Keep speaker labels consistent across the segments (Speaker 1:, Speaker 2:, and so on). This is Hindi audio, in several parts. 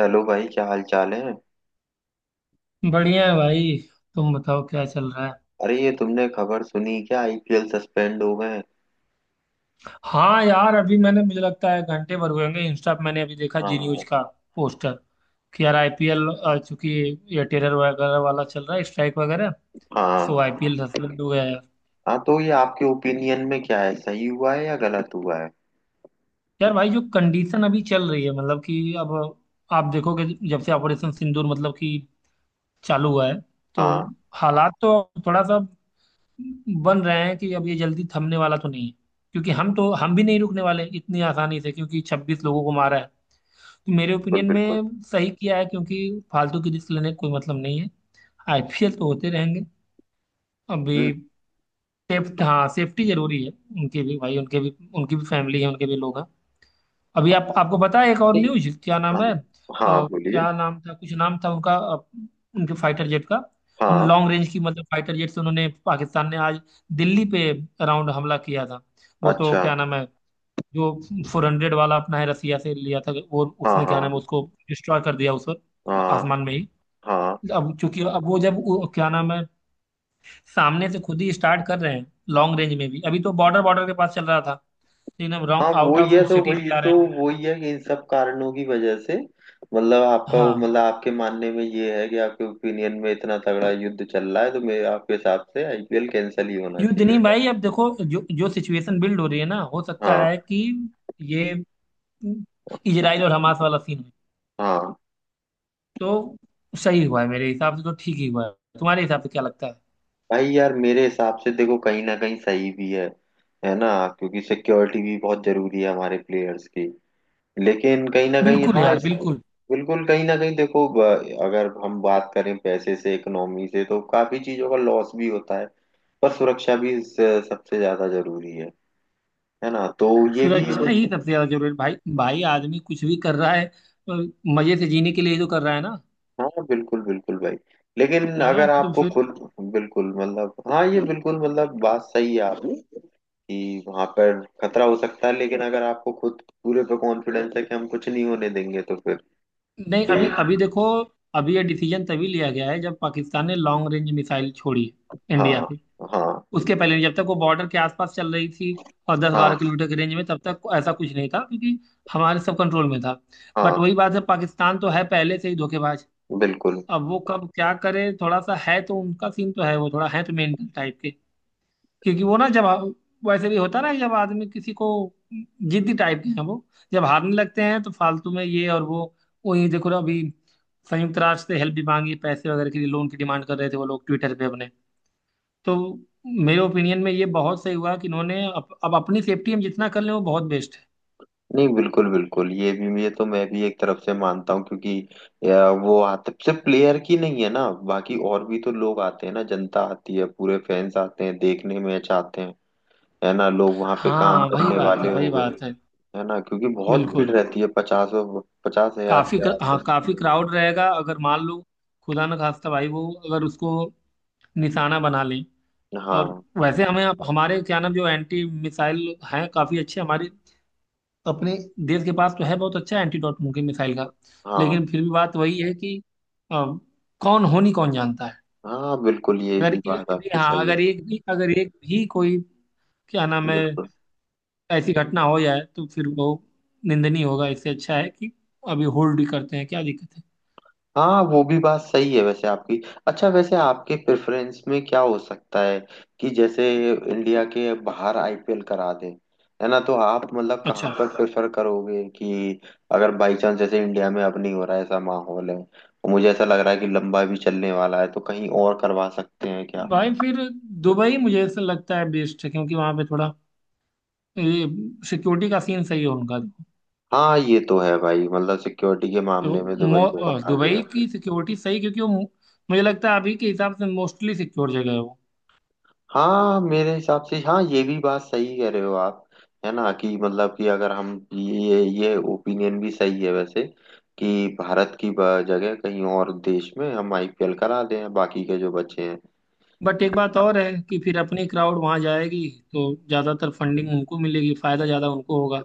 Speaker 1: हेलो भाई, क्या हाल चाल है।
Speaker 2: बढ़िया है भाई। तुम बताओ क्या चल रहा है?
Speaker 1: अरे, ये तुमने खबर सुनी क्या? आईपीएल सस्पेंड हो गए।
Speaker 2: हाँ यार, अभी मैंने, मुझे लगता है घंटे भर हुए होंगे। इंस्टा पे मैंने अभी देखा जी न्यूज
Speaker 1: हाँ।
Speaker 2: का पोस्टर कि यार आईपीएल, चूंकि ये टेरर वगैरह वाला चल रहा है, स्ट्राइक वगैरह, सो
Speaker 1: हाँ।
Speaker 2: आईपीएल सस्पेंड हो गया यार।
Speaker 1: हाँ, तो ये आपके ओपिनियन में क्या है, सही हुआ है या गलत हुआ है?
Speaker 2: यार भाई, जो कंडीशन अभी चल रही है, मतलब कि अब आप देखोगे, जब से ऑपरेशन सिंदूर मतलब कि चालू हुआ है, तो
Speaker 1: हाँ,
Speaker 2: हालात तो थोड़ा सा बन रहे हैं कि अब ये जल्दी थमने वाला तो नहीं है। क्योंकि हम भी नहीं रुकने वाले इतनी आसानी से, क्योंकि 26 लोगों को मारा। मेरे
Speaker 1: बिल्कुल
Speaker 2: ओपिनियन
Speaker 1: बिल्कुल।
Speaker 2: में सही किया है, क्योंकि फालतू की रिस्क लेने का कोई मतलब नहीं है। आईपीएल तो होते रहेंगे अभी।
Speaker 1: हम्म।
Speaker 2: सेफ्ट हाँ, सेफ्टी जरूरी है उनके भी, भाई उनके भी। उनकी भी फैमिली है, उनके भी लोग हैं। अभी आप, आपको पता है एक और
Speaker 1: नहीं।
Speaker 2: न्यूज, क्या
Speaker 1: हाँ
Speaker 2: नाम है
Speaker 1: हाँ, बोलिए।
Speaker 2: क्या नाम था, कुछ नाम था उनका उनके फाइटर जेट का। उन
Speaker 1: हाँ।
Speaker 2: लॉन्ग रेंज की मतलब फाइटर जेट से, उन्होंने पाकिस्तान ने आज दिल्ली पे अराउंड हमला किया था। वो तो
Speaker 1: अच्छा।
Speaker 2: क्या नाम है जो 400 वाला अपना है, रसिया से लिया था वो,
Speaker 1: हाँ।
Speaker 2: उसने क्या नाम है,
Speaker 1: हाँ।
Speaker 2: उसको डिस्ट्रॉय कर दिया उस पर,
Speaker 1: हाँ।
Speaker 2: आसमान में ही।
Speaker 1: हाँ।
Speaker 2: अब क्योंकि अब वो, जब वो क्या नाम है, सामने से खुद ही स्टार्ट कर रहे हैं लॉन्ग रेंज में भी। अभी तो बॉर्डर बॉर्डर के पास चल रहा था, लेकिन अब राउंड
Speaker 1: हाँ,
Speaker 2: आउट
Speaker 1: वही है
Speaker 2: ऑफ
Speaker 1: तो,
Speaker 2: सिटी भी
Speaker 1: वही
Speaker 2: जा
Speaker 1: तो।
Speaker 2: रहे हैं वो।
Speaker 1: वही है कि इन सब कारणों की वजह से।
Speaker 2: हाँ,
Speaker 1: मतलब आपके मानने में ये है कि आपके ओपिनियन में इतना तगड़ा युद्ध चल रहा है, तो मेरे आपके हिसाब से आईपीएल कैंसिल ही होना
Speaker 2: युद्ध नहीं
Speaker 1: चाहिए।
Speaker 2: भाई, अब देखो जो जो सिचुएशन बिल्ड हो रही है ना, हो सकता
Speaker 1: हाँ।
Speaker 2: है कि ये इजराइल और हमास वाला सीन हो।
Speaker 1: हाँ
Speaker 2: तो सही हुआ है मेरे हिसाब से, तो ठीक ही हुआ है। तुम्हारे हिसाब से क्या लगता है?
Speaker 1: भाई यार, मेरे हिसाब से देखो, कहीं ना कहीं सही भी है। है ना। क्योंकि सिक्योरिटी भी बहुत जरूरी है हमारे प्लेयर्स की। लेकिन कहीं ना कहीं,
Speaker 2: बिल्कुल
Speaker 1: हाँ हाँ,
Speaker 2: यार,
Speaker 1: इस।
Speaker 2: बिल्कुल।
Speaker 1: बिल्कुल, कहीं ना कहीं देखो, अगर हम बात करें पैसे से, इकोनॉमी से, तो काफी चीजों का लॉस भी होता है। पर सुरक्षा भी, इस, सबसे ज्यादा जरूरी है। है ना, तो। ये भी, हाँ।
Speaker 2: सुरक्षा ही सबसे ज्यादा जरूरी है भाई। भाई, आदमी कुछ भी कर रहा है, अ, मजे से जीने के लिए ही तो कर रहा है ना।
Speaker 1: हाँ बिल्कुल बिल्कुल भाई। लेकिन
Speaker 2: है ना,
Speaker 1: अगर
Speaker 2: तो
Speaker 1: आपको
Speaker 2: फिर
Speaker 1: खुद। बिल्कुल, मतलब हाँ, ये बिल्कुल, मतलब बात सही है आपकी। कि वहां पर खतरा हो सकता है, लेकिन अगर आपको खुद पूरे पे कॉन्फिडेंस है कि हम कुछ नहीं होने देंगे तो फिर
Speaker 2: नहीं।
Speaker 1: कोई।
Speaker 2: अभी अभी देखो, अभी ये डिसीजन तभी लिया गया है, जब पाकिस्तान ने लॉन्ग रेंज मिसाइल छोड़ी है इंडिया
Speaker 1: हाँ।
Speaker 2: पे।
Speaker 1: हाँ।
Speaker 2: उसके पहले जब तक वो बॉर्डर के आसपास चल रही थी और दस बारह
Speaker 1: हाँ।
Speaker 2: किलोमीटर की रेंज में, तब तक ऐसा कुछ नहीं था, क्योंकि हमारे सब कंट्रोल में था। बट
Speaker 1: हाँ,
Speaker 2: वही बात है, पाकिस्तान तो है पहले से ही धोखेबाज।
Speaker 1: बिल्कुल।
Speaker 2: अब वो कब क्या करे, थोड़ा सा है तो उनका सीन, तो है वो थोड़ा, है तो मेंटल टाइप के। क्योंकि वो ना, जब वैसे भी होता ना, जब आदमी किसी को, जिद्दी टाइप के हैं वो, जब हारने लगते हैं तो फालतू में ये और वो। वही देखो ना, अभी संयुक्त राष्ट्र से हेल्प भी मांगी, पैसे वगैरह के लिए लोन की डिमांड कर रहे थे वो लोग ट्विटर पे अपने। तो मेरे ओपिनियन में ये बहुत सही हुआ कि इन्होंने अब अपनी सेफ्टी हम जितना कर लें, वो बहुत बेस्ट है।
Speaker 1: नहीं बिल्कुल बिल्कुल, ये भी, ये तो मैं भी एक तरफ से मानता हूँ, क्योंकि या, वो आते सिर्फ प्लेयर की नहीं है ना, बाकी और भी तो लोग आते हैं ना, जनता आती है, पूरे फैंस आते हैं देखने, मैच आते हैं। है ना, लोग वहां पे काम
Speaker 2: हाँ वही
Speaker 1: करने
Speaker 2: बात है,
Speaker 1: वाले हो
Speaker 2: वही
Speaker 1: गए।
Speaker 2: बात है।
Speaker 1: है ना, क्योंकि बहुत भीड़
Speaker 2: बिल्कुल।
Speaker 1: रहती है, 50। 50,000 से
Speaker 2: हाँ,
Speaker 1: आकर।
Speaker 2: काफी क्राउड रहेगा, अगर मान लो खुदा न खास्ता भाई, वो अगर उसको निशाना बना ले, और
Speaker 1: हाँ।
Speaker 2: वैसे हमें, आप हमारे क्या नाम, जो एंटी मिसाइल हैं काफ़ी अच्छे हमारे अपने देश के पास, तो है बहुत अच्छा एंटीडोट उनके मिसाइल का,
Speaker 1: हाँ।
Speaker 2: लेकिन फिर भी बात वही है कि अ, कौन होनी कौन जानता है।
Speaker 1: हाँ, बिल्कुल, ये
Speaker 2: अगर
Speaker 1: भी बात
Speaker 2: एक भी,
Speaker 1: आपकी
Speaker 2: हाँ
Speaker 1: सही है।
Speaker 2: अगर एक भी, अगर एक भी कोई, क्या नाम है,
Speaker 1: बिल्कुल।
Speaker 2: ऐसी घटना हो जाए तो फिर वो निंदनीय होगा। इससे अच्छा है कि अभी होल्ड ही करते हैं, क्या दिक्कत है।
Speaker 1: हाँ, वो भी बात सही है वैसे आपकी। अच्छा, वैसे आपके प्रेफरेंस में क्या हो सकता है? कि जैसे इंडिया के बाहर आईपीएल करा दे। है ना, तो आप मतलब कहाँ
Speaker 2: अच्छा,
Speaker 1: पर प्रेफर करोगे कि अगर बाई चांस, जैसे इंडिया में अब नहीं हो रहा है, ऐसा माहौल है। और मुझे ऐसा लग रहा है कि लंबा भी चलने वाला है, तो कहीं और करवा सकते हैं क्या?
Speaker 2: भाई फिर दुबई, मुझे ऐसा लगता है बेस्ट है, क्योंकि वहाँ पे थोड़ा सिक्योरिटी का सीन सही है उनका तो।
Speaker 1: हाँ ये तो है भाई, मतलब सिक्योरिटी के
Speaker 2: तो
Speaker 1: मामले में दुबई बहुत आगे
Speaker 2: दुबई
Speaker 1: है।
Speaker 2: की सिक्योरिटी सही, क्योंकि वो मुझे लगता है अभी के हिसाब से मोस्टली सिक्योर जगह है वो।
Speaker 1: हाँ मेरे हिसाब से, हाँ, ये भी बात सही कह रहे हो आप। है ना कि मतलब कि अगर हम ये ओपिनियन भी सही है वैसे। कि भारत की जगह कहीं और देश में हम आईपीएल करा दें, बाकी के जो बच्चे हैं।
Speaker 2: बट एक बात और है कि फिर अपनी क्राउड वहां जाएगी, तो ज्यादातर फंडिंग उनको मिलेगी, फायदा ज्यादा उनको होगा।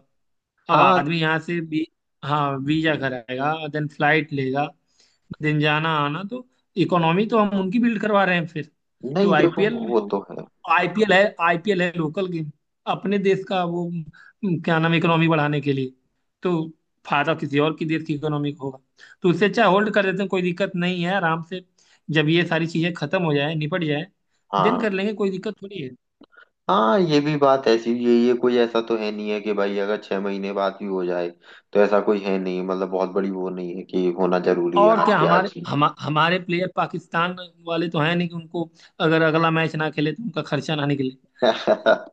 Speaker 2: अब
Speaker 1: हाँ।
Speaker 2: आदमी यहाँ से भी, हाँ, वीजा कराएगा, देन फ्लाइट लेगा, दिन जाना आना, तो इकोनॉमी तो हम उनकी बिल्ड करवा रहे हैं फिर। तो
Speaker 1: नहीं देखो।
Speaker 2: आईपीएल
Speaker 1: वो
Speaker 2: तो,
Speaker 1: तो है।
Speaker 2: आईपीएल है, आईपीएल है लोकल गेम अपने देश का वो, क्या नाम, इकोनॉमी बढ़ाने के लिए। तो फायदा किसी और की देश की इकोनॉमी को होगा, तो उससे अच्छा होल्ड कर देते हैं। कोई दिक्कत नहीं है, आराम से, जब ये सारी चीजें खत्म हो जाए, निपट जाए, देन
Speaker 1: हाँ
Speaker 2: कर लेंगे। कोई दिक्कत थोड़ी है।
Speaker 1: हाँ, ये भी बात ऐसी, ये कोई ऐसा तो है नहीं है कि भाई अगर 6 महीने बाद भी हो जाए। तो ऐसा कोई है नहीं, मतलब बहुत बड़ी वो नहीं है कि होना जरूरी है
Speaker 2: और
Speaker 1: आज
Speaker 2: क्या,
Speaker 1: के आज ही।
Speaker 2: हमारे प्लेयर पाकिस्तान वाले तो हैं नहीं कि उनको अगर अगला मैच ना खेले तो उनका खर्चा ना निकले।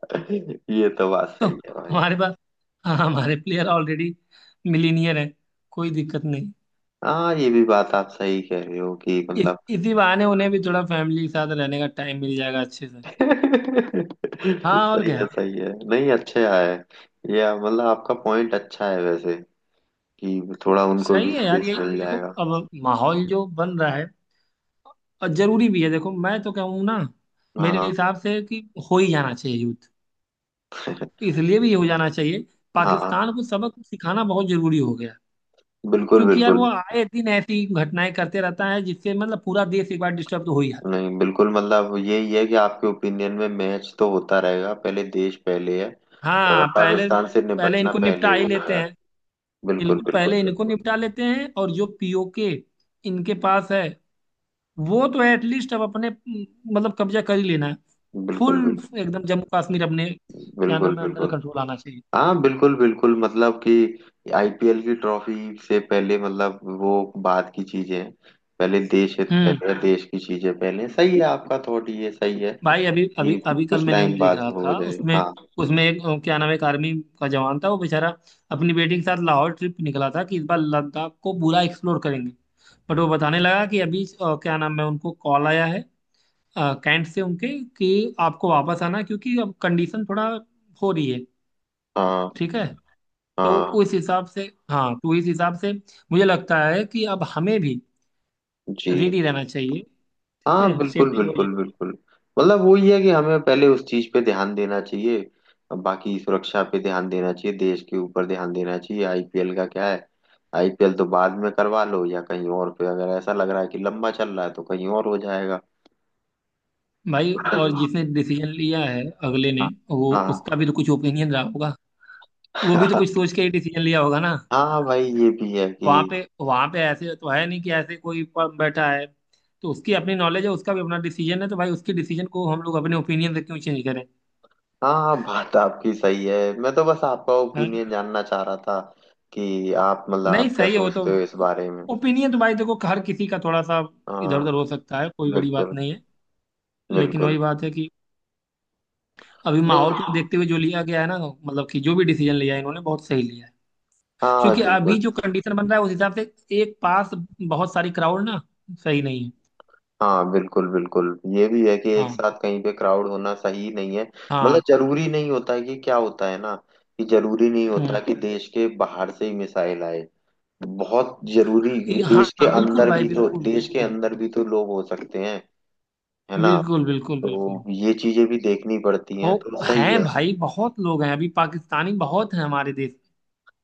Speaker 1: ये तो बात
Speaker 2: तो
Speaker 1: सही है भाई।
Speaker 2: हमारे पास, हाँ हमारे प्लेयर ऑलरेडी मिलीनियर हैं, कोई दिक्कत नहीं।
Speaker 1: हाँ, ये भी बात आप सही कह रहे हो कि मतलब।
Speaker 2: इसी बहाने उन्हें भी थोड़ा फैमिली के साथ रहने का टाइम मिल जाएगा अच्छे से। हाँ, और
Speaker 1: सही
Speaker 2: क्या।
Speaker 1: है, सही है, नहीं, अच्छा है। ये मतलब आपका पॉइंट अच्छा है वैसे। कि थोड़ा उनको
Speaker 2: सही
Speaker 1: भी
Speaker 2: है यार,
Speaker 1: स्पेस
Speaker 2: यही
Speaker 1: मिल
Speaker 2: देखो
Speaker 1: जाएगा।
Speaker 2: अब माहौल जो बन रहा है। और जरूरी भी है, देखो मैं तो कहूँ ना मेरे
Speaker 1: हाँ।
Speaker 2: हिसाब से कि हो ही जाना चाहिए युद्ध। इसलिए भी हो जाना चाहिए,
Speaker 1: हाँ
Speaker 2: पाकिस्तान को सबक सिखाना बहुत जरूरी हो गया।
Speaker 1: बिल्कुल
Speaker 2: क्योंकि यार वो
Speaker 1: बिल्कुल।
Speaker 2: आए दिन ऐसी घटनाएं करते रहता है, जिससे मतलब पूरा देश एक बार डिस्टर्ब तो हो ही जाता है।
Speaker 1: नहीं बिल्कुल, मतलब यही है कि आपके ओपिनियन में मैच तो होता रहेगा, पहले देश पहले है। और
Speaker 2: हाँ पहले,
Speaker 1: पाकिस्तान से
Speaker 2: पहले
Speaker 1: निपटना
Speaker 2: इनको
Speaker 1: पहले
Speaker 2: निपटा ही
Speaker 1: हुआ
Speaker 2: लेते
Speaker 1: है।
Speaker 2: हैं।
Speaker 1: बिल्कुल
Speaker 2: इनको
Speaker 1: बिल्कुल
Speaker 2: पहले, इनको
Speaker 1: बिल्कुल।
Speaker 2: निपटा लेते हैं। और जो पीओके इनके पास है, वो तो एटलीस्ट अब अपने मतलब कब्जा कर ही लेना है, फुल,
Speaker 1: बिल्कुल बिल्कुल।
Speaker 2: एकदम। जम्मू कश्मीर अपने क्या
Speaker 1: बिल्कुल
Speaker 2: नाम है, अंडर
Speaker 1: बिल्कुल।
Speaker 2: कंट्रोल आना चाहिए।
Speaker 1: हाँ बिल्कुल बिल्कुल, मतलब कि आईपीएल की ट्रॉफी से पहले, मतलब वो बात की चीजें हैं। पहले देश है,
Speaker 2: हम्म।
Speaker 1: पहले देश की चीजें पहले, सही है आपका थॉट, ये सही है।
Speaker 2: भाई अभी, अभी
Speaker 1: कि
Speaker 2: अभी कल
Speaker 1: कुछ
Speaker 2: मैं न्यूज
Speaker 1: टाइम
Speaker 2: देख
Speaker 1: बाद
Speaker 2: रहा
Speaker 1: हो
Speaker 2: था
Speaker 1: जाए,
Speaker 2: उसमें,
Speaker 1: हाँ।
Speaker 2: उसमें एक क्या नाम है, एक आर्मी का जवान था। वो बेचारा अपनी बेटी के साथ लाहौर ट्रिप पे निकला था कि इस बार लद्दाख को पूरा एक्सप्लोर करेंगे। बट वो बताने लगा कि अभी क्या नाम है, उनको कॉल आया है कैंट से उनके, कि आपको वापस आना है, क्योंकि अब कंडीशन थोड़ा हो रही है
Speaker 1: हाँ
Speaker 2: ठीक है। तो
Speaker 1: हाँ
Speaker 2: उस हिसाब से, हाँ तो इस हिसाब से मुझे लगता है कि अब हमें भी
Speaker 1: जी।
Speaker 2: रेडी रहना चाहिए। ठीक है,
Speaker 1: हाँ बिल्कुल
Speaker 2: सेफ्टी बहुत।
Speaker 1: बिल्कुल बिल्कुल। मतलब वो ये है कि हमें पहले उस चीज पे ध्यान देना चाहिए। अब बाकी, सुरक्षा पे ध्यान देना चाहिए, देश के ऊपर ध्यान देना चाहिए, आईपीएल का क्या है। आईपीएल तो बाद में करवा लो, या कहीं और पे अगर ऐसा लग रहा है कि लंबा चल रहा है तो कहीं और हो जाएगा।
Speaker 2: भाई
Speaker 1: हाँ।
Speaker 2: और जिसने डिसीजन लिया है अगले ने, वो,
Speaker 1: हाँ।
Speaker 2: उसका भी तो कुछ ओपिनियन रहा होगा। वो भी तो कुछ सोच के ही डिसीजन लिया होगा ना।
Speaker 1: हाँ भाई, ये भी है कि
Speaker 2: वहां पे ऐसे तो है नहीं कि ऐसे कोई बैठा है। तो उसकी अपनी नॉलेज है, उसका भी अपना डिसीजन है, तो भाई उसके डिसीजन को हम लोग अपने ओपिनियन से क्यों चेंज करें,
Speaker 1: हाँ हाँ, बात आपकी सही है, मैं तो बस आपका
Speaker 2: है?
Speaker 1: ओपिनियन जानना चाह रहा था। कि आप मतलब
Speaker 2: नहीं
Speaker 1: आप क्या
Speaker 2: सही है वो तो।
Speaker 1: सोचते हो इस बारे में।
Speaker 2: ओपिनियन तो भाई देखो हर किसी का थोड़ा सा इधर
Speaker 1: हाँ
Speaker 2: उधर हो सकता है, कोई बड़ी बात
Speaker 1: बिल्कुल
Speaker 2: नहीं है। लेकिन
Speaker 1: बिल्कुल।
Speaker 2: वही बात है कि अभी
Speaker 1: नहीं।
Speaker 2: माहौल को देखते हुए जो लिया गया है ना, मतलब कि जो भी डिसीजन लिया है इन्होंने, बहुत सही लिया है।
Speaker 1: हाँ
Speaker 2: क्योंकि अभी
Speaker 1: बिल्कुल।
Speaker 2: जो कंडीशन बन रहा है उस हिसाब से, एक पास बहुत सारी क्राउड ना, सही नहीं है।
Speaker 1: हाँ बिल्कुल बिल्कुल, ये भी है कि एक
Speaker 2: हाँ।
Speaker 1: साथ कहीं पे क्राउड होना सही नहीं है। मतलब
Speaker 2: हाँ।
Speaker 1: जरूरी नहीं होता है कि क्या होता है ना। कि जरूरी नहीं होता
Speaker 2: हम्म।
Speaker 1: कि देश के बाहर से ही मिसाइल आए। बहुत जरूरी।
Speaker 2: ये, हाँ बिल्कुल भाई, बिल्कुल
Speaker 1: देश के
Speaker 2: बिल्कुल।
Speaker 1: अंदर भी तो लोग हो सकते हैं। है ना।
Speaker 2: बिल्कुल बिल्कुल बिल्कुल।
Speaker 1: तो ये चीजें भी देखनी पड़ती
Speaker 2: ओ,
Speaker 1: हैं, तो सही
Speaker 2: हैं
Speaker 1: है।
Speaker 2: भाई बहुत लोग हैं, अभी पाकिस्तानी बहुत हैं हमारे देश में।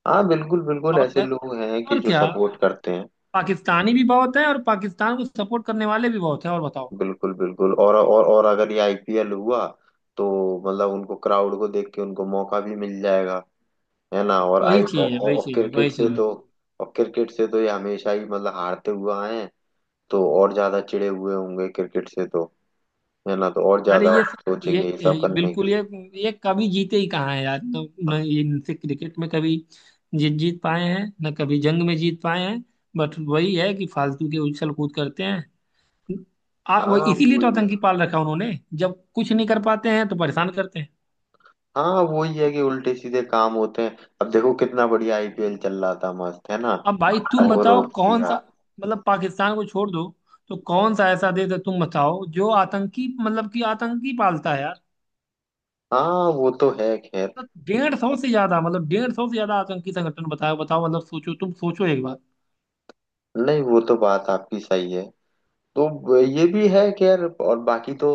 Speaker 1: हाँ बिल्कुल बिल्कुल,
Speaker 2: और
Speaker 1: ऐसे
Speaker 2: मैं,
Speaker 1: लोग हैं कि
Speaker 2: और
Speaker 1: जो
Speaker 2: क्या,
Speaker 1: सपोर्ट करते हैं।
Speaker 2: पाकिस्तानी भी बहुत है और पाकिस्तान को सपोर्ट करने वाले भी बहुत है। और बताओ,
Speaker 1: बिल्कुल बिल्कुल, और अगर ये आईपीएल हुआ तो, मतलब उनको, क्राउड को देख के उनको मौका भी मिल जाएगा। है ना,
Speaker 2: वही चीज है, वही
Speaker 1: और
Speaker 2: चीज है,
Speaker 1: क्रिकेट
Speaker 2: वही
Speaker 1: से
Speaker 2: चीज है।
Speaker 1: तो। और क्रिकेट से तो ये हमेशा ही, मतलब, हारते हुए आए हैं। तो और ज्यादा चिढ़े हुए होंगे क्रिकेट से तो। है ना, तो और
Speaker 2: अरे
Speaker 1: ज्यादा
Speaker 2: ये सब,
Speaker 1: सोचेंगे ये सब
Speaker 2: ये
Speaker 1: करने
Speaker 2: बिल्कुल,
Speaker 1: की।
Speaker 2: ये कभी जीते ही कहाँ है यार। न ये, इनसे क्रिकेट में कभी जीत जीत पाए हैं, न कभी जंग में जीत पाए हैं। बट वही है कि फालतू के उछल कूद करते हैं। वो
Speaker 1: हाँ
Speaker 2: इसीलिए तो
Speaker 1: वही है।
Speaker 2: आतंकी पाल रखा उन्होंने। जब कुछ नहीं कर पाते हैं तो परेशान करते हैं।
Speaker 1: हाँ वही है कि उल्टे सीधे काम होते हैं, अब देखो कितना बढ़िया आईपीएल चल रहा था, मस्त है ना।
Speaker 2: अब भाई तुम
Speaker 1: और वो
Speaker 2: बताओ,
Speaker 1: रोक
Speaker 2: कौन सा,
Speaker 1: दिया।
Speaker 2: मतलब पाकिस्तान को छोड़ दो, तो कौन सा ऐसा देश है तुम बताओ जो आतंकी, मतलब कि आतंकी पालता है यार।
Speaker 1: हाँ वो तो है खैर।
Speaker 2: मतलब 150 से ज्यादा, मतलब 150 से ज्यादा आतंकी संगठन, बताओ बताओ, मतलब सोचो, तुम सोचो एक बार।
Speaker 1: नहीं, वो तो बात आपकी सही है। तो ये भी है कि यार, और बाकी तो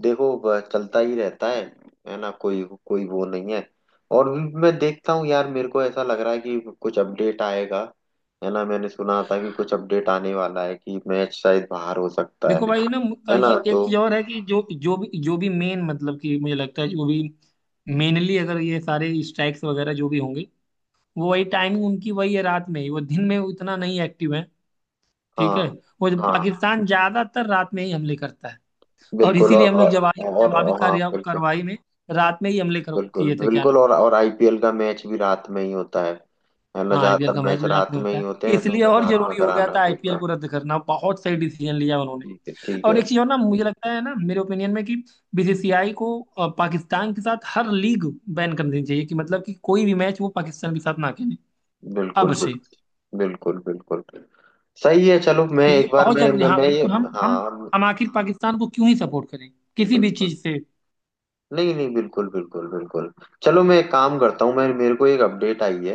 Speaker 1: देखो, चलता ही रहता है। है ना, कोई कोई वो नहीं है। और भी मैं देखता हूँ यार, मेरे को ऐसा लग रहा है कि कुछ अपडेट आएगा। है ना, मैंने सुना था कि कुछ अपडेट आने वाला है कि मैच शायद बाहर हो सकता है।
Speaker 2: देखो भाई ना,
Speaker 1: है
Speaker 2: ये
Speaker 1: ना,
Speaker 2: एक
Speaker 1: तो।
Speaker 2: चीज और है कि जो जो भी मेन, मतलब कि मुझे लगता है जो भी मेनली, अगर ये सारे स्ट्राइक्स वगैरह जो भी होंगे, वो वही, टाइमिंग उनकी वही है, रात में ही। वो दिन में उतना नहीं एक्टिव है, ठीक है?
Speaker 1: हाँ।
Speaker 2: वो
Speaker 1: हाँ
Speaker 2: पाकिस्तान ज्यादातर रात में ही हमले करता है। और
Speaker 1: बिल्कुल, और
Speaker 2: इसीलिए हम लोग जवाबी,
Speaker 1: और,
Speaker 2: जवाबी
Speaker 1: और हाँ
Speaker 2: कार्य
Speaker 1: बिल्कुल।
Speaker 2: कार्रवाई में रात में ही हमले
Speaker 1: बिल्कुल
Speaker 2: किए थे, क्या
Speaker 1: बिल्कुल
Speaker 2: नाम है।
Speaker 1: और आईपीएल का मैच भी रात में ही होता है। है ना,
Speaker 2: हाँ, आईपीएल
Speaker 1: ज्यादातर
Speaker 2: का मैच
Speaker 1: मैच
Speaker 2: भी रात में
Speaker 1: रात में
Speaker 2: होता
Speaker 1: ही
Speaker 2: है,
Speaker 1: होते हैं, तो
Speaker 2: इसलिए
Speaker 1: फिर
Speaker 2: और
Speaker 1: रात में
Speaker 2: जरूरी हो गया
Speaker 1: कराना
Speaker 2: था
Speaker 1: भी
Speaker 2: आईपीएल को रद्द करना। बहुत सही डिसीजन लिया उन्होंने।
Speaker 1: ठीक है, ठीक
Speaker 2: और
Speaker 1: है।
Speaker 2: एक चीज और ना, मुझे लगता है ना, मेरे ओपिनियन में कि बीसीसीआई को पाकिस्तान के साथ हर लीग बैन कर देनी चाहिए। कि मतलब कि कोई भी मैच वो पाकिस्तान के साथ ना खेले अब
Speaker 1: बिल्कुल।
Speaker 2: से।
Speaker 1: बिल्कुल बिल्कुल बिल्कुल। सही है, चलो मैं
Speaker 2: क्योंकि ये
Speaker 1: एक बार
Speaker 2: बहुत
Speaker 1: मैं
Speaker 2: जरूरी
Speaker 1: मैं,
Speaker 2: है। हाँ
Speaker 1: मैं ये।
Speaker 2: बिल्कुल,
Speaker 1: हाँ
Speaker 2: हम आखिर पाकिस्तान को क्यों ही सपोर्ट करें, किसी भी
Speaker 1: बिल्कुल।
Speaker 2: चीज से।
Speaker 1: नहीं नहीं बिल्कुल बिल्कुल बिल्कुल। चलो मैं एक काम करता हूँ, मैं मेरे को एक अपडेट आई है।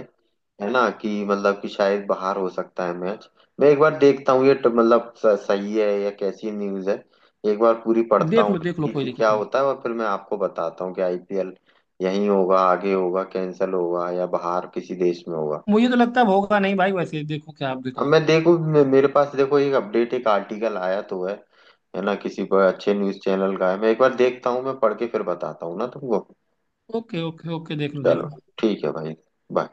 Speaker 1: है ना कि मतलब कि शायद बाहर हो सकता है मैच। मैं एक बार देखता हूँ ये, मतलब सही है या कैसी न्यूज़ है। एक बार पूरी पढ़ता
Speaker 2: देख
Speaker 1: हूँ।
Speaker 2: लो, देख लो,
Speaker 1: कि,
Speaker 2: कोई
Speaker 1: कि क्या
Speaker 2: दिक्कत नहीं।
Speaker 1: होता है और फिर मैं आपको बताता हूँ कि आईपीएल यहीं होगा, आगे होगा, कैंसिल होगा, या बाहर किसी देश में होगा।
Speaker 2: मुझे तो लगता है अब होगा नहीं भाई, वैसे देखो, क्या आप
Speaker 1: अब
Speaker 2: बताइए।
Speaker 1: मैं देखो, मेरे पास देखो एक अपडेट, एक आर्टिकल आया तो है। है ना, किसी पर अच्छे न्यूज़ चैनल का है, मैं एक बार देखता हूँ, मैं पढ़ के फिर बताता हूँ ना तुमको।
Speaker 2: ओके ओके ओके, देख लो देख
Speaker 1: चलो।
Speaker 2: लो।
Speaker 1: ठीक है भाई। बाय।